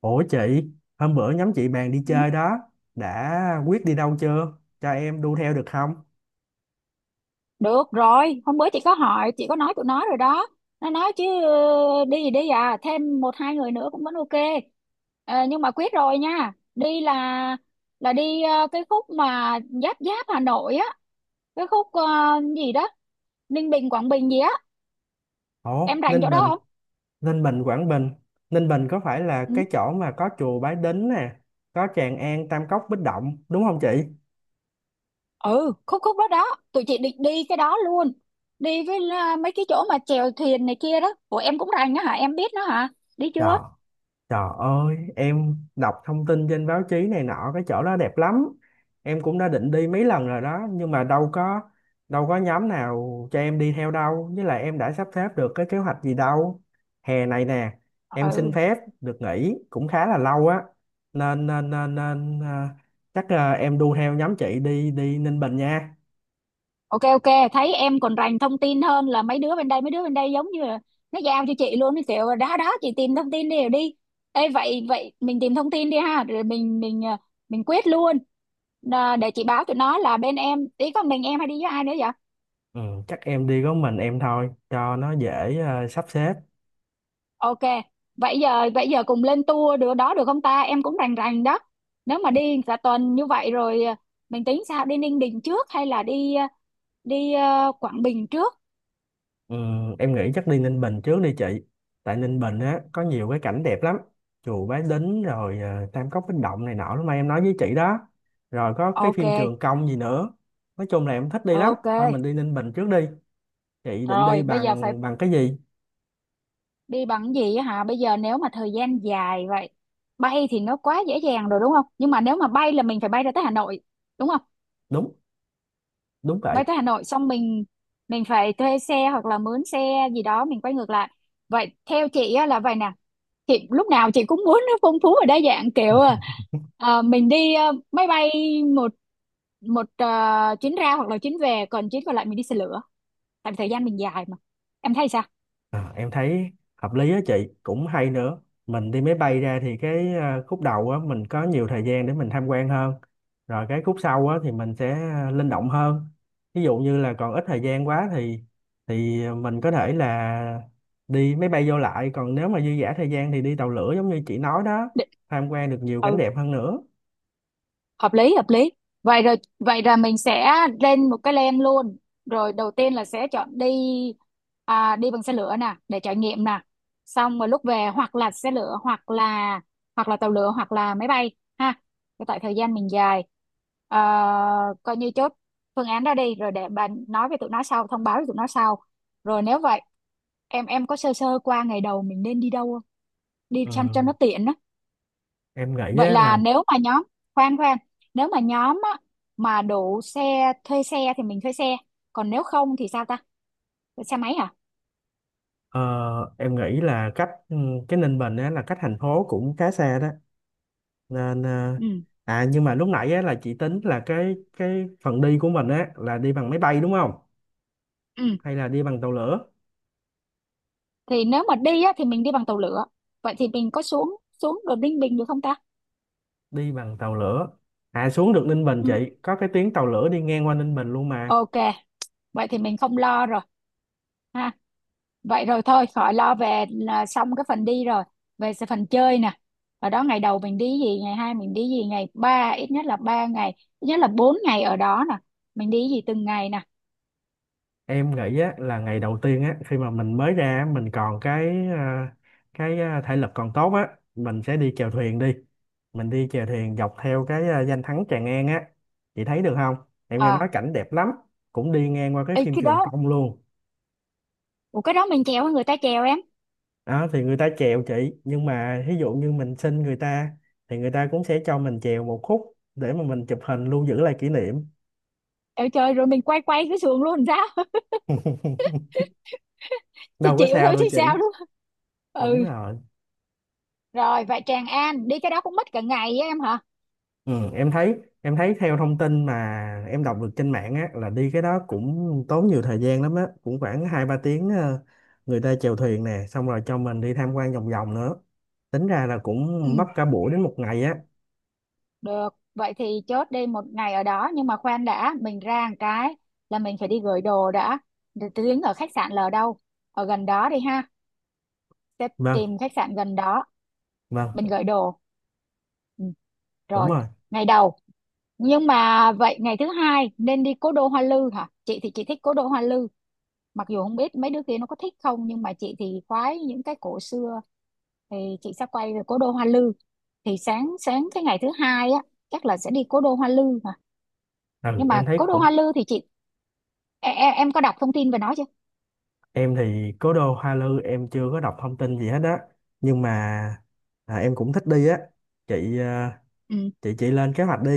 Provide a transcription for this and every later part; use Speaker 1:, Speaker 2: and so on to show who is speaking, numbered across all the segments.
Speaker 1: Ủa chị, hôm bữa nhóm chị bàn đi
Speaker 2: Ừ.
Speaker 1: chơi đó, đã quyết đi đâu chưa? Cho em đu theo được không?
Speaker 2: Được rồi, hôm bữa chị có hỏi, chị có nói tụi nó rồi đó. Nó nói chứ đi thì đi thêm một hai người nữa cũng vẫn ok. Ờ, nhưng mà quyết rồi nha. Đi là đi cái khúc mà giáp giáp Hà Nội á, cái khúc gì đó, Ninh Bình Quảng Bình gì á,
Speaker 1: Ủa,
Speaker 2: em rành
Speaker 1: Ninh
Speaker 2: chỗ đó
Speaker 1: Bình,
Speaker 2: không?
Speaker 1: Ninh Bình, Quảng Bình. Ninh Bình có phải là
Speaker 2: Ừ,
Speaker 1: cái chỗ mà có chùa Bái Đính nè, có Tràng An, Tam Cốc, Bích Động, đúng không chị?
Speaker 2: ừ khúc khúc đó đó, tụi chị định đi cái đó luôn. Đi với mấy cái chỗ mà chèo thuyền này kia đó. Ủa em cũng rành á hả? Em biết nó hả? Đi
Speaker 1: Trời
Speaker 2: chưa?
Speaker 1: Trời ơi, em đọc thông tin trên báo chí này nọ cái chỗ đó đẹp lắm. Em cũng đã định đi mấy lần rồi đó, nhưng mà đâu có nhóm nào cho em đi theo đâu, với lại em đã sắp xếp được cái kế hoạch gì đâu. Hè này nè, em xin
Speaker 2: Ừ.
Speaker 1: phép được nghỉ cũng khá là lâu á. Nên chắc em đu theo nhóm chị đi đi Ninh Bình nha.
Speaker 2: Ok, ok, thấy em còn rành thông tin hơn là mấy đứa bên đây giống như là nó giao cho chị luôn cái kiểu đó đó, chị tìm thông tin đi rồi đi. Ê, vậy vậy mình tìm thông tin đi ha, rồi mình mình quyết luôn. Ờ, để chị báo tụi nó là bên em ý con mình, em hay đi với ai nữa vậy?
Speaker 1: Ừ, chắc em đi có mình em thôi cho nó dễ sắp xếp.
Speaker 2: Ok, vậy giờ cùng lên tour được đó, được không ta, em cũng rành rành đó. Nếu mà đi cả tuần như vậy rồi mình tính sao, đi Ninh Bình trước hay là đi đi Quảng Bình trước?
Speaker 1: Ừ, em nghĩ chắc đi Ninh Bình trước đi chị. Tại Ninh Bình á có nhiều cái cảnh đẹp lắm, chùa Bái Đính rồi Tam Cốc Bích Động này nọ lúc mà em nói với chị đó, rồi có cái phim
Speaker 2: Ok,
Speaker 1: Trường Công gì nữa. Nói chung là em thích đi lắm,
Speaker 2: ok,
Speaker 1: thôi mình đi Ninh Bình trước đi. Chị định đi
Speaker 2: rồi bây giờ phải
Speaker 1: bằng bằng cái gì?
Speaker 2: đi bằng gì á hả? Bây giờ nếu mà thời gian dài vậy, bay thì nó quá dễ dàng rồi đúng không, nhưng mà nếu mà bay là mình phải bay ra tới Hà Nội đúng không?
Speaker 1: Đúng đúng vậy.
Speaker 2: Bay tới Hà Nội xong mình phải thuê xe hoặc là mướn xe gì đó, mình quay ngược lại. Vậy theo chị á, là vậy nè, chị lúc nào chị cũng muốn nó phong phú và đa dạng kiểu mình đi máy bay một một chuyến ra hoặc là chuyến về, còn chuyến còn lại mình đi xe lửa, tại vì thời gian mình dài mà. Em thấy sao?
Speaker 1: À, em thấy hợp lý á chị, cũng hay nữa. Mình đi máy bay ra thì cái khúc đầu á mình có nhiều thời gian để mình tham quan hơn, rồi cái khúc sau á thì mình sẽ linh động hơn. Ví dụ như là còn ít thời gian quá thì mình có thể là đi máy bay vô lại, còn nếu mà dư dả thời gian thì đi tàu lửa giống như chị nói đó,
Speaker 2: Định-
Speaker 1: tham quan được nhiều cảnh đẹp hơn nữa.
Speaker 2: Hợp lý, hợp lý. Vậy rồi vậy là mình sẽ lên một cái plan luôn. Rồi đầu tiên là sẽ chọn đi đi bằng xe lửa nè để trải nghiệm nè, xong rồi lúc về hoặc là xe lửa hoặc là tàu lửa hoặc là máy bay ha. Cái tại thời gian mình dài. Ờ, coi như chốt phương án đó đi, rồi để bạn nói với tụi nó sau, thông báo với tụi nó sau. Rồi nếu vậy, em có sơ sơ qua ngày đầu mình nên đi đâu không, đi
Speaker 1: Ừ,
Speaker 2: chăm cho nó tiện á?
Speaker 1: em nghĩ
Speaker 2: Vậy
Speaker 1: á
Speaker 2: là
Speaker 1: là
Speaker 2: nếu mà nhóm, khoan khoan, nếu mà nhóm á, mà đủ xe thuê xe thì mình thuê xe, còn nếu không thì sao ta? Thuê xe máy à?
Speaker 1: ờ, em nghĩ là cách cái Ninh Bình á là cách thành phố cũng khá xa đó nên.
Speaker 2: Ừ.
Speaker 1: à Nhưng mà lúc nãy á, là chị tính là cái phần đi của mình á là đi bằng máy bay đúng không,
Speaker 2: Ừ.
Speaker 1: hay là đi bằng tàu lửa?
Speaker 2: Thì nếu mà đi á, thì mình đi bằng tàu lửa. Vậy thì mình có xuống xuống đồn Ninh Bình được không ta?
Speaker 1: Đi bằng tàu lửa. À, xuống được Ninh Bình
Speaker 2: Ừ.
Speaker 1: chị, có cái tuyến tàu lửa đi ngang qua Ninh Bình luôn mà.
Speaker 2: Ok, vậy thì mình không lo rồi ha. Vậy rồi thôi, khỏi lo về, là xong cái phần đi rồi. Về sẽ phần chơi nè. Ở đó ngày đầu mình đi gì, ngày hai mình đi gì, ngày ba, ít nhất là 3 ngày, ít nhất là 4 ngày ở đó nè. Mình đi gì từng ngày nè.
Speaker 1: Em nghĩ á là ngày đầu tiên á, khi mà mình mới ra á, mình còn cái thể lực còn tốt á, mình sẽ đi chèo thuyền đi. Mình đi chèo thuyền dọc theo cái danh thắng Tràng An á, chị thấy được không? Em nghe
Speaker 2: À,
Speaker 1: nói cảnh đẹp lắm, cũng đi ngang qua cái
Speaker 2: ê
Speaker 1: phim
Speaker 2: cái đó,
Speaker 1: Trường Công luôn.
Speaker 2: ủa cái đó mình treo, người ta treo em?
Speaker 1: Đó thì người ta chèo chị, nhưng mà ví dụ như mình xin người ta thì người ta cũng sẽ cho mình chèo một khúc để mà mình chụp hình lưu giữ lại kỷ niệm.
Speaker 2: Trời trời, rồi mình quay quay cái sườn luôn sao? Thì
Speaker 1: Đâu có
Speaker 2: chịu
Speaker 1: sao
Speaker 2: thôi
Speaker 1: đâu
Speaker 2: chứ
Speaker 1: chị.
Speaker 2: sao đúng không?
Speaker 1: Đúng
Speaker 2: Ừ.
Speaker 1: rồi.
Speaker 2: Rồi vậy Tràng An đi cái đó cũng mất cả ngày á em hả?
Speaker 1: Ừ, em thấy theo thông tin mà em đọc được trên mạng á là đi cái đó cũng tốn nhiều thời gian lắm á, cũng khoảng 2-3 tiếng người ta chèo thuyền nè, xong rồi cho mình đi tham quan vòng vòng nữa, tính ra là
Speaker 2: Ừ,
Speaker 1: cũng mất cả buổi đến một ngày á.
Speaker 2: được. Vậy thì chốt đi một ngày ở đó, nhưng mà khoan đã, mình ra một cái là mình phải đi gửi đồ đã. Để tiếng ở khách sạn là ở đâu, ở gần đó đi ha, sẽ
Speaker 1: Vâng,
Speaker 2: tìm khách sạn gần đó,
Speaker 1: vâng.
Speaker 2: mình gửi đồ. Ừ.
Speaker 1: Đúng
Speaker 2: Rồi
Speaker 1: rồi.
Speaker 2: ngày đầu. Nhưng mà vậy ngày thứ hai nên đi cố đô Hoa Lư hả, chị thì chị thích cố đô Hoa Lư, mặc dù không biết mấy đứa kia nó có thích không, nhưng mà chị thì khoái những cái cổ xưa, thì chị sẽ quay về cố đô Hoa Lư. Thì sáng sáng cái ngày thứ hai á chắc là sẽ đi cố đô Hoa Lư mà.
Speaker 1: Ừ,
Speaker 2: Nhưng mà
Speaker 1: em thấy
Speaker 2: cố đô
Speaker 1: cũng.
Speaker 2: Hoa Lư thì chị, em có đọc thông tin về nó chưa?
Speaker 1: Em thì cố đô Hoa Lư em chưa có đọc thông tin gì hết á, nhưng mà em cũng thích đi á chị. à,
Speaker 2: Ừ.
Speaker 1: chị chị lên kế hoạch đi.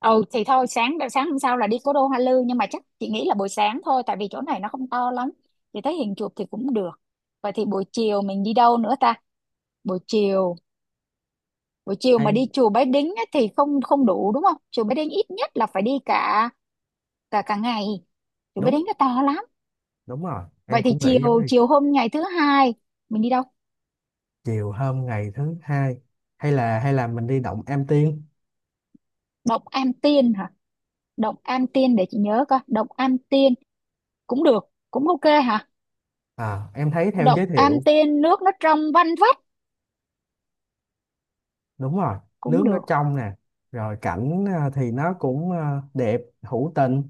Speaker 2: Ừ thì thôi, sáng sáng hôm sau là đi cố đô Hoa Lư, nhưng mà chắc chị nghĩ là buổi sáng thôi, tại vì chỗ này nó không to lắm, chị thấy hình chụp thì cũng được. Vậy thì buổi chiều mình đi đâu nữa ta? Buổi chiều, buổi chiều mà
Speaker 1: Hay.
Speaker 2: đi chùa Bái Đính á, thì không không đủ đúng không, chùa Bái Đính ít nhất là phải đi cả cả cả ngày, tụi bé
Speaker 1: đúng
Speaker 2: đánh nó to lắm.
Speaker 1: đúng rồi,
Speaker 2: Vậy
Speaker 1: em
Speaker 2: thì
Speaker 1: cũng
Speaker 2: chiều
Speaker 1: nghĩ giống như.
Speaker 2: chiều hôm ngày thứ hai mình đi đâu?
Speaker 1: Chiều hôm ngày thứ hai, hay là mình đi động Am Tiên.
Speaker 2: Động Am Tiên hả? Động Am Tiên, để chị nhớ coi, động Am Tiên cũng được, cũng ok hả,
Speaker 1: À, em thấy theo
Speaker 2: động
Speaker 1: giới
Speaker 2: Am
Speaker 1: thiệu.
Speaker 2: Tiên nước nó trong vanh vách,
Speaker 1: Đúng rồi,
Speaker 2: cũng
Speaker 1: nước nó
Speaker 2: được.
Speaker 1: trong nè, rồi cảnh thì nó cũng đẹp hữu tình.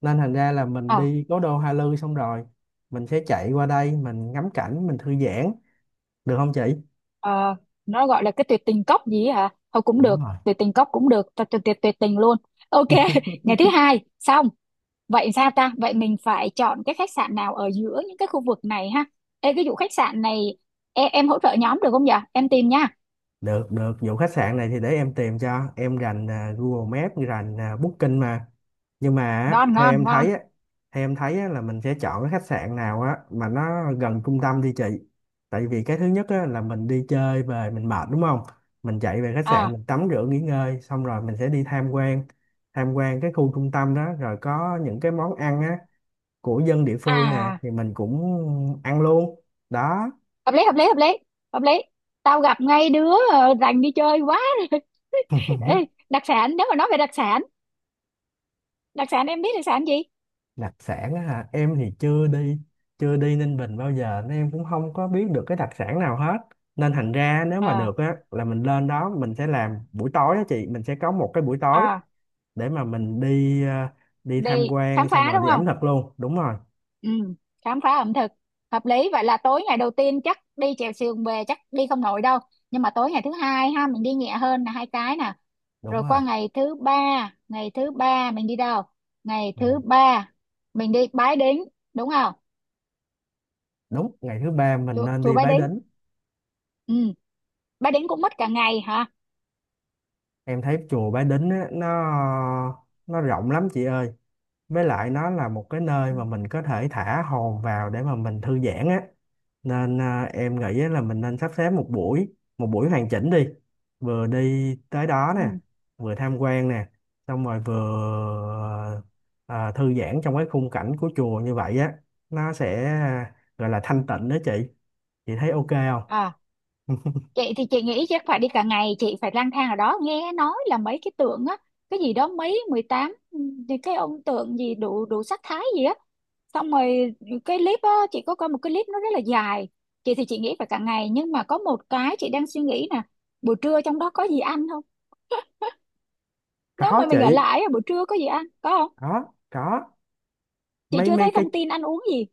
Speaker 1: Nên thành ra là mình
Speaker 2: ờ
Speaker 1: đi cố đô Hoa Lư xong rồi mình sẽ chạy qua đây mình ngắm cảnh mình thư giãn, được không chị?
Speaker 2: ờ, nó gọi là cái tuyệt tình cốc gì ấy hả, thôi cũng
Speaker 1: Đúng
Speaker 2: được,
Speaker 1: rồi.
Speaker 2: tuyệt tình cốc cũng được, cho tuyệt tuyệt tình luôn. Ok. Ngày thứ hai xong. Vậy sao ta? Vậy mình phải chọn cái khách sạn nào ở giữa những cái khu vực này ha? Ê, cái vụ khách sạn này, em hỗ trợ nhóm được không nhở? Em tìm nha.
Speaker 1: Được, được. Vụ khách sạn này thì để em tìm cho. Em rành Google Maps, rành Booking mà. Nhưng mà á,
Speaker 2: Ngon,
Speaker 1: theo
Speaker 2: ngon,
Speaker 1: em
Speaker 2: ngon.
Speaker 1: thấy á, theo em thấy á, là mình sẽ chọn cái khách sạn nào á mà nó gần trung tâm đi chị. Tại vì cái thứ nhất á, là mình đi chơi về mình mệt đúng không? Mình chạy về khách sạn
Speaker 2: À,
Speaker 1: mình tắm rửa nghỉ ngơi xong rồi mình sẽ đi tham quan, tham quan cái khu trung tâm đó, rồi có những cái món ăn á của dân địa phương nè
Speaker 2: à,
Speaker 1: thì mình cũng ăn luôn. Đó.
Speaker 2: hợp lý, hợp lý. Tao gặp ngay đứa rành đi chơi quá rồi. Ê, đặc sản, nếu mà nói về đặc sản em biết đặc sản gì?
Speaker 1: Đặc sản á hả, em thì chưa đi Ninh Bình bao giờ nên em cũng không có biết được cái đặc sản nào hết. Nên thành ra nếu mà
Speaker 2: À,
Speaker 1: được á là mình lên đó mình sẽ làm buổi tối á chị, mình sẽ có một cái buổi tối
Speaker 2: à,
Speaker 1: để mà mình đi tham
Speaker 2: đi khám
Speaker 1: quan xong
Speaker 2: phá
Speaker 1: rồi
Speaker 2: đúng
Speaker 1: đi
Speaker 2: không?
Speaker 1: ẩm thực luôn. Đúng rồi.
Speaker 2: Ừ, khám phá ẩm thực. Hợp lý, vậy là tối ngày đầu tiên chắc đi chèo sườn về chắc đi không nổi đâu. Nhưng mà tối ngày thứ hai ha, mình đi nhẹ hơn là hai cái nè.
Speaker 1: Đúng
Speaker 2: Rồi qua
Speaker 1: rồi.
Speaker 2: ngày thứ ba, ngày thứ ba mình đi đâu? Ngày thứ
Speaker 1: ngày,
Speaker 2: ba mình đi Bái Đính đúng không?
Speaker 1: đúng ngày thứ ba mình
Speaker 2: Chùa,
Speaker 1: nên
Speaker 2: chùa
Speaker 1: đi
Speaker 2: Bái
Speaker 1: Bái
Speaker 2: Đính.
Speaker 1: Đính.
Speaker 2: Ừ. Bái Đính cũng mất cả ngày hả?
Speaker 1: Em thấy chùa Bái Đính á, nó rộng lắm chị ơi, với lại nó là một cái nơi
Speaker 2: Ừ.
Speaker 1: mà mình có thể thả hồn vào để mà mình thư giãn á. Nên em nghĩ á là mình nên sắp xếp một buổi hoàn chỉnh đi, vừa đi tới đó nè,
Speaker 2: Ừ.
Speaker 1: vừa tham quan nè, xong rồi vừa thư giãn trong cái khung cảnh của chùa như vậy á, nó sẽ gọi là thanh tịnh đó chị. Chị thấy ok không?
Speaker 2: À, chị thì chị nghĩ chắc phải đi cả ngày, chị phải lang thang ở đó, nghe nói là mấy cái tượng á, cái gì đó, mấy 18 thì cái ông tượng gì đủ đủ sắc thái gì á. Xong rồi cái clip á, chị có coi một cái clip nó rất là dài. Chị thì chị nghĩ phải cả ngày, nhưng mà có một cái chị đang suy nghĩ nè, buổi trưa trong đó có gì ăn không? Nếu
Speaker 1: Có
Speaker 2: mà mình ở
Speaker 1: chị.
Speaker 2: lại á, buổi trưa có gì ăn có không?
Speaker 1: Có, có.
Speaker 2: Chị
Speaker 1: mấy
Speaker 2: chưa
Speaker 1: mấy
Speaker 2: thấy
Speaker 1: cái,
Speaker 2: thông tin ăn uống gì.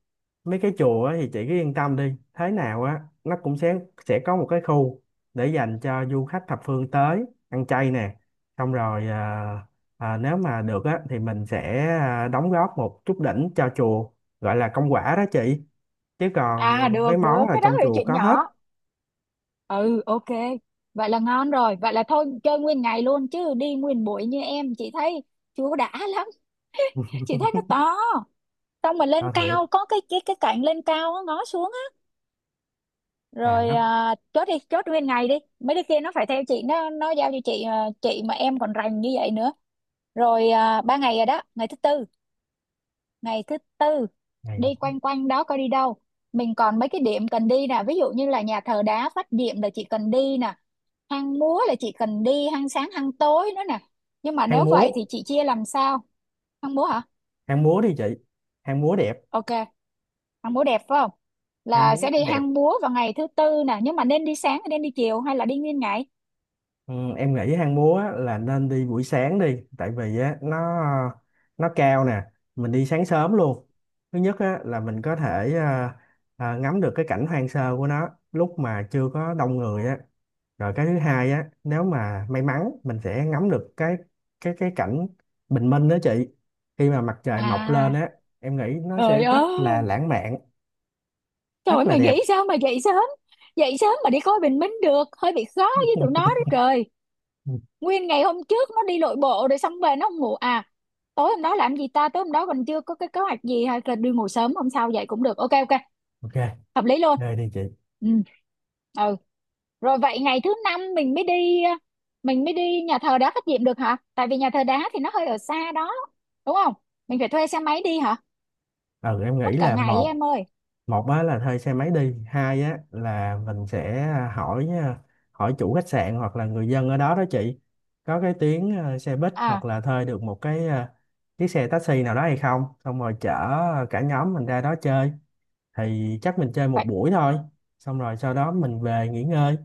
Speaker 1: mấy cái chùa á thì chị cứ yên tâm đi, thế nào á nó cũng sẽ có một cái khu để dành cho du khách thập phương tới ăn chay nè, xong rồi nếu mà được á thì mình sẽ đóng góp một chút đỉnh cho chùa gọi là công quả đó chị. Chứ còn
Speaker 2: À
Speaker 1: mấy
Speaker 2: được, được,
Speaker 1: món là
Speaker 2: cái đó
Speaker 1: trong
Speaker 2: là
Speaker 1: chùa
Speaker 2: chuyện
Speaker 1: có hết.
Speaker 2: nhỏ. Ừ, ok. Vậy là ngon rồi, vậy là thôi chơi nguyên ngày luôn, chứ đi nguyên buổi như em chị thấy chưa có đã lắm. Chị thấy nó to, xong mà lên
Speaker 1: À, thiệt.
Speaker 2: cao có cái cái cạnh lên cao á, ngó xuống á.
Speaker 1: À,
Speaker 2: Rồi
Speaker 1: nó
Speaker 2: à, chốt đi, chốt nguyên ngày đi, mấy đứa kia nó phải theo chị, nó giao cho chị à, chị mà em còn rành như vậy nữa. Rồi à, ba ngày rồi đó. Ngày thứ tư, ngày thứ tư
Speaker 1: này.
Speaker 2: đi quanh quanh đó coi đi đâu. Mình còn mấy cái điểm cần đi nè, ví dụ như là nhà thờ đá Phát Diệm là chị cần đi nè, hang múa là chị cần đi, hang sáng hang tối nữa nè. Nhưng mà
Speaker 1: hang
Speaker 2: nếu
Speaker 1: múa
Speaker 2: vậy thì chị chia làm sao? Hang múa hả?
Speaker 1: hang múa đi chị. hang múa đẹp
Speaker 2: Ok, hang múa đẹp phải không,
Speaker 1: hang
Speaker 2: là
Speaker 1: múa
Speaker 2: sẽ đi
Speaker 1: đẹp
Speaker 2: hang múa vào ngày thứ tư nè, nhưng mà nên đi sáng hay nên đi chiều hay là đi nguyên ngày?
Speaker 1: Ừ, em nghĩ hang múa á, là nên đi buổi sáng đi, tại vì á nó cao nè. Mình đi sáng sớm luôn, thứ nhất á là mình có thể ngắm được cái cảnh hoang sơ của nó lúc mà chưa có đông người á, rồi cái thứ hai á nếu mà may mắn mình sẽ ngắm được cái cảnh bình minh đó chị, khi mà mặt trời mọc lên
Speaker 2: À,
Speaker 1: á. Em nghĩ nó sẽ
Speaker 2: trời
Speaker 1: rất là
Speaker 2: ơi,
Speaker 1: lãng mạn,
Speaker 2: trời ơi
Speaker 1: rất là
Speaker 2: mày
Speaker 1: đẹp.
Speaker 2: nghĩ sao mà dậy sớm, dậy sớm mà đi coi bình minh được, hơi bị khó với tụi nó đó trời. Nguyên ngày hôm trước nó đi lội bộ rồi, xong về nó không ngủ à? Tối hôm đó làm gì ta, tối hôm đó mình chưa có cái kế hoạch gì, hay là đi ngủ sớm hôm sau dậy cũng được, ok ok,
Speaker 1: Ok.
Speaker 2: hợp lý luôn.
Speaker 1: Đây đi chị.
Speaker 2: Ừ. Ừ. Rồi vậy ngày thứ năm mình mới đi mình mới đi nhà thờ đá Phát Diệm được hả, tại vì nhà thờ đá thì nó hơi ở xa đó đúng không, mình phải thuê xe máy đi hả?
Speaker 1: Ừ, em nghĩ
Speaker 2: Mất cả
Speaker 1: là
Speaker 2: ngày ấy,
Speaker 1: một
Speaker 2: em ơi.
Speaker 1: một á là thuê xe máy đi, hai á là mình sẽ hỏi hỏi chủ khách sạn hoặc là người dân ở đó đó chị, có cái tuyến xe buýt
Speaker 2: À,
Speaker 1: hoặc là thuê được một cái chiếc xe taxi nào đó hay không, xong rồi chở cả nhóm mình ra đó chơi. Thì chắc mình chơi một buổi thôi, xong rồi sau đó mình về nghỉ ngơi.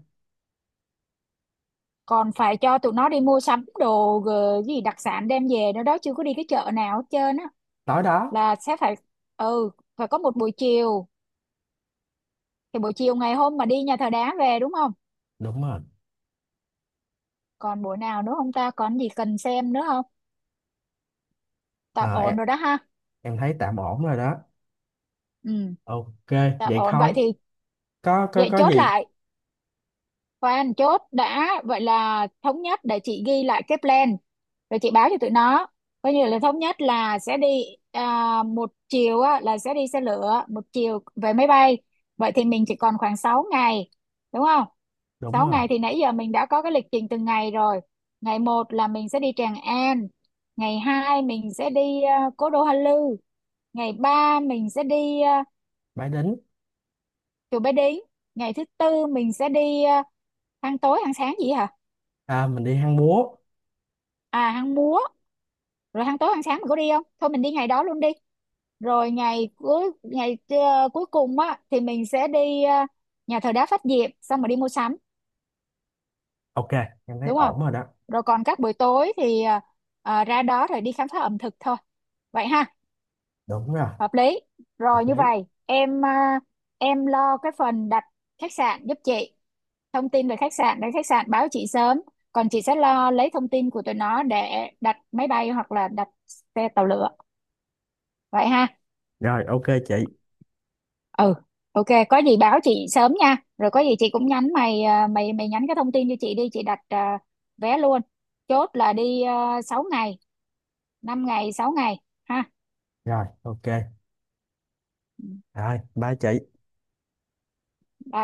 Speaker 2: còn phải cho tụi nó đi mua sắm đồ gì đặc sản đem về nữa đó, chưa có đi cái chợ nào hết trơn á,
Speaker 1: Tối đó.
Speaker 2: là sẽ phải, ừ, phải có một buổi chiều, thì buổi chiều ngày hôm mà đi nhà thờ đá về đúng không?
Speaker 1: Đúng rồi.
Speaker 2: Còn buổi nào nữa không ta, còn gì cần xem nữa không? Tạm
Speaker 1: Ờ, em,
Speaker 2: ổn rồi đó ha.
Speaker 1: em thấy tạm ổn rồi đó.
Speaker 2: Ừ.
Speaker 1: Ok.
Speaker 2: Tạm
Speaker 1: Vậy
Speaker 2: ổn vậy
Speaker 1: thôi,
Speaker 2: thì,
Speaker 1: có có
Speaker 2: vậy
Speaker 1: có
Speaker 2: chốt
Speaker 1: gì.
Speaker 2: lại, khoan chốt đã, vậy là thống nhất, để chị ghi lại cái plan rồi chị báo cho tụi nó. Coi như là thống nhất là sẽ đi à, một chiều á, là sẽ đi xe lửa, một chiều về máy bay. Vậy thì mình chỉ còn khoảng 6 ngày đúng không?
Speaker 1: Đúng
Speaker 2: 6
Speaker 1: rồi.
Speaker 2: ngày thì nãy giờ mình đã có cái lịch trình từng ngày rồi. Ngày một là mình sẽ đi Tràng An, ngày 2 mình sẽ đi Cố Đô Hoa Lư, ngày 3 mình sẽ đi
Speaker 1: Bái Đính.
Speaker 2: Chùa Bái Đính, ngày thứ tư mình sẽ đi ăn tối ăn sáng gì hả,
Speaker 1: À, mình đi hang múa.
Speaker 2: à hang múa. Rồi hang tối hang sáng mình có đi không, thôi mình đi ngày đó luôn đi. Rồi ngày cuối, ngày cuối cùng á thì mình sẽ đi nhà thờ đá Phát Diệm xong rồi đi mua sắm
Speaker 1: Ok, em thấy
Speaker 2: đúng không?
Speaker 1: ổn rồi đó.
Speaker 2: Rồi còn các buổi tối thì ra đó rồi đi khám phá ẩm thực thôi vậy ha.
Speaker 1: Đúng rồi.
Speaker 2: Hợp lý.
Speaker 1: Hợp
Speaker 2: Rồi như
Speaker 1: lý.
Speaker 2: vậy em em lo cái phần đặt khách sạn giúp chị, thông tin về khách sạn để khách sạn báo chị sớm. Còn chị sẽ lo lấy thông tin của tụi nó để đặt máy bay hoặc là đặt xe tàu lửa vậy ha.
Speaker 1: Rồi ok chị.
Speaker 2: Ừ. Ok, có gì báo chị sớm nha, rồi có gì chị cũng nhắn mày à, mày mày nhắn cái thông tin cho chị đi, chị đặt vé luôn. Chốt là đi, 6 ngày, 5 ngày 6 ngày ha.
Speaker 1: Rồi ok.
Speaker 2: Ừ.
Speaker 1: Rồi bye chị.
Speaker 2: Bye.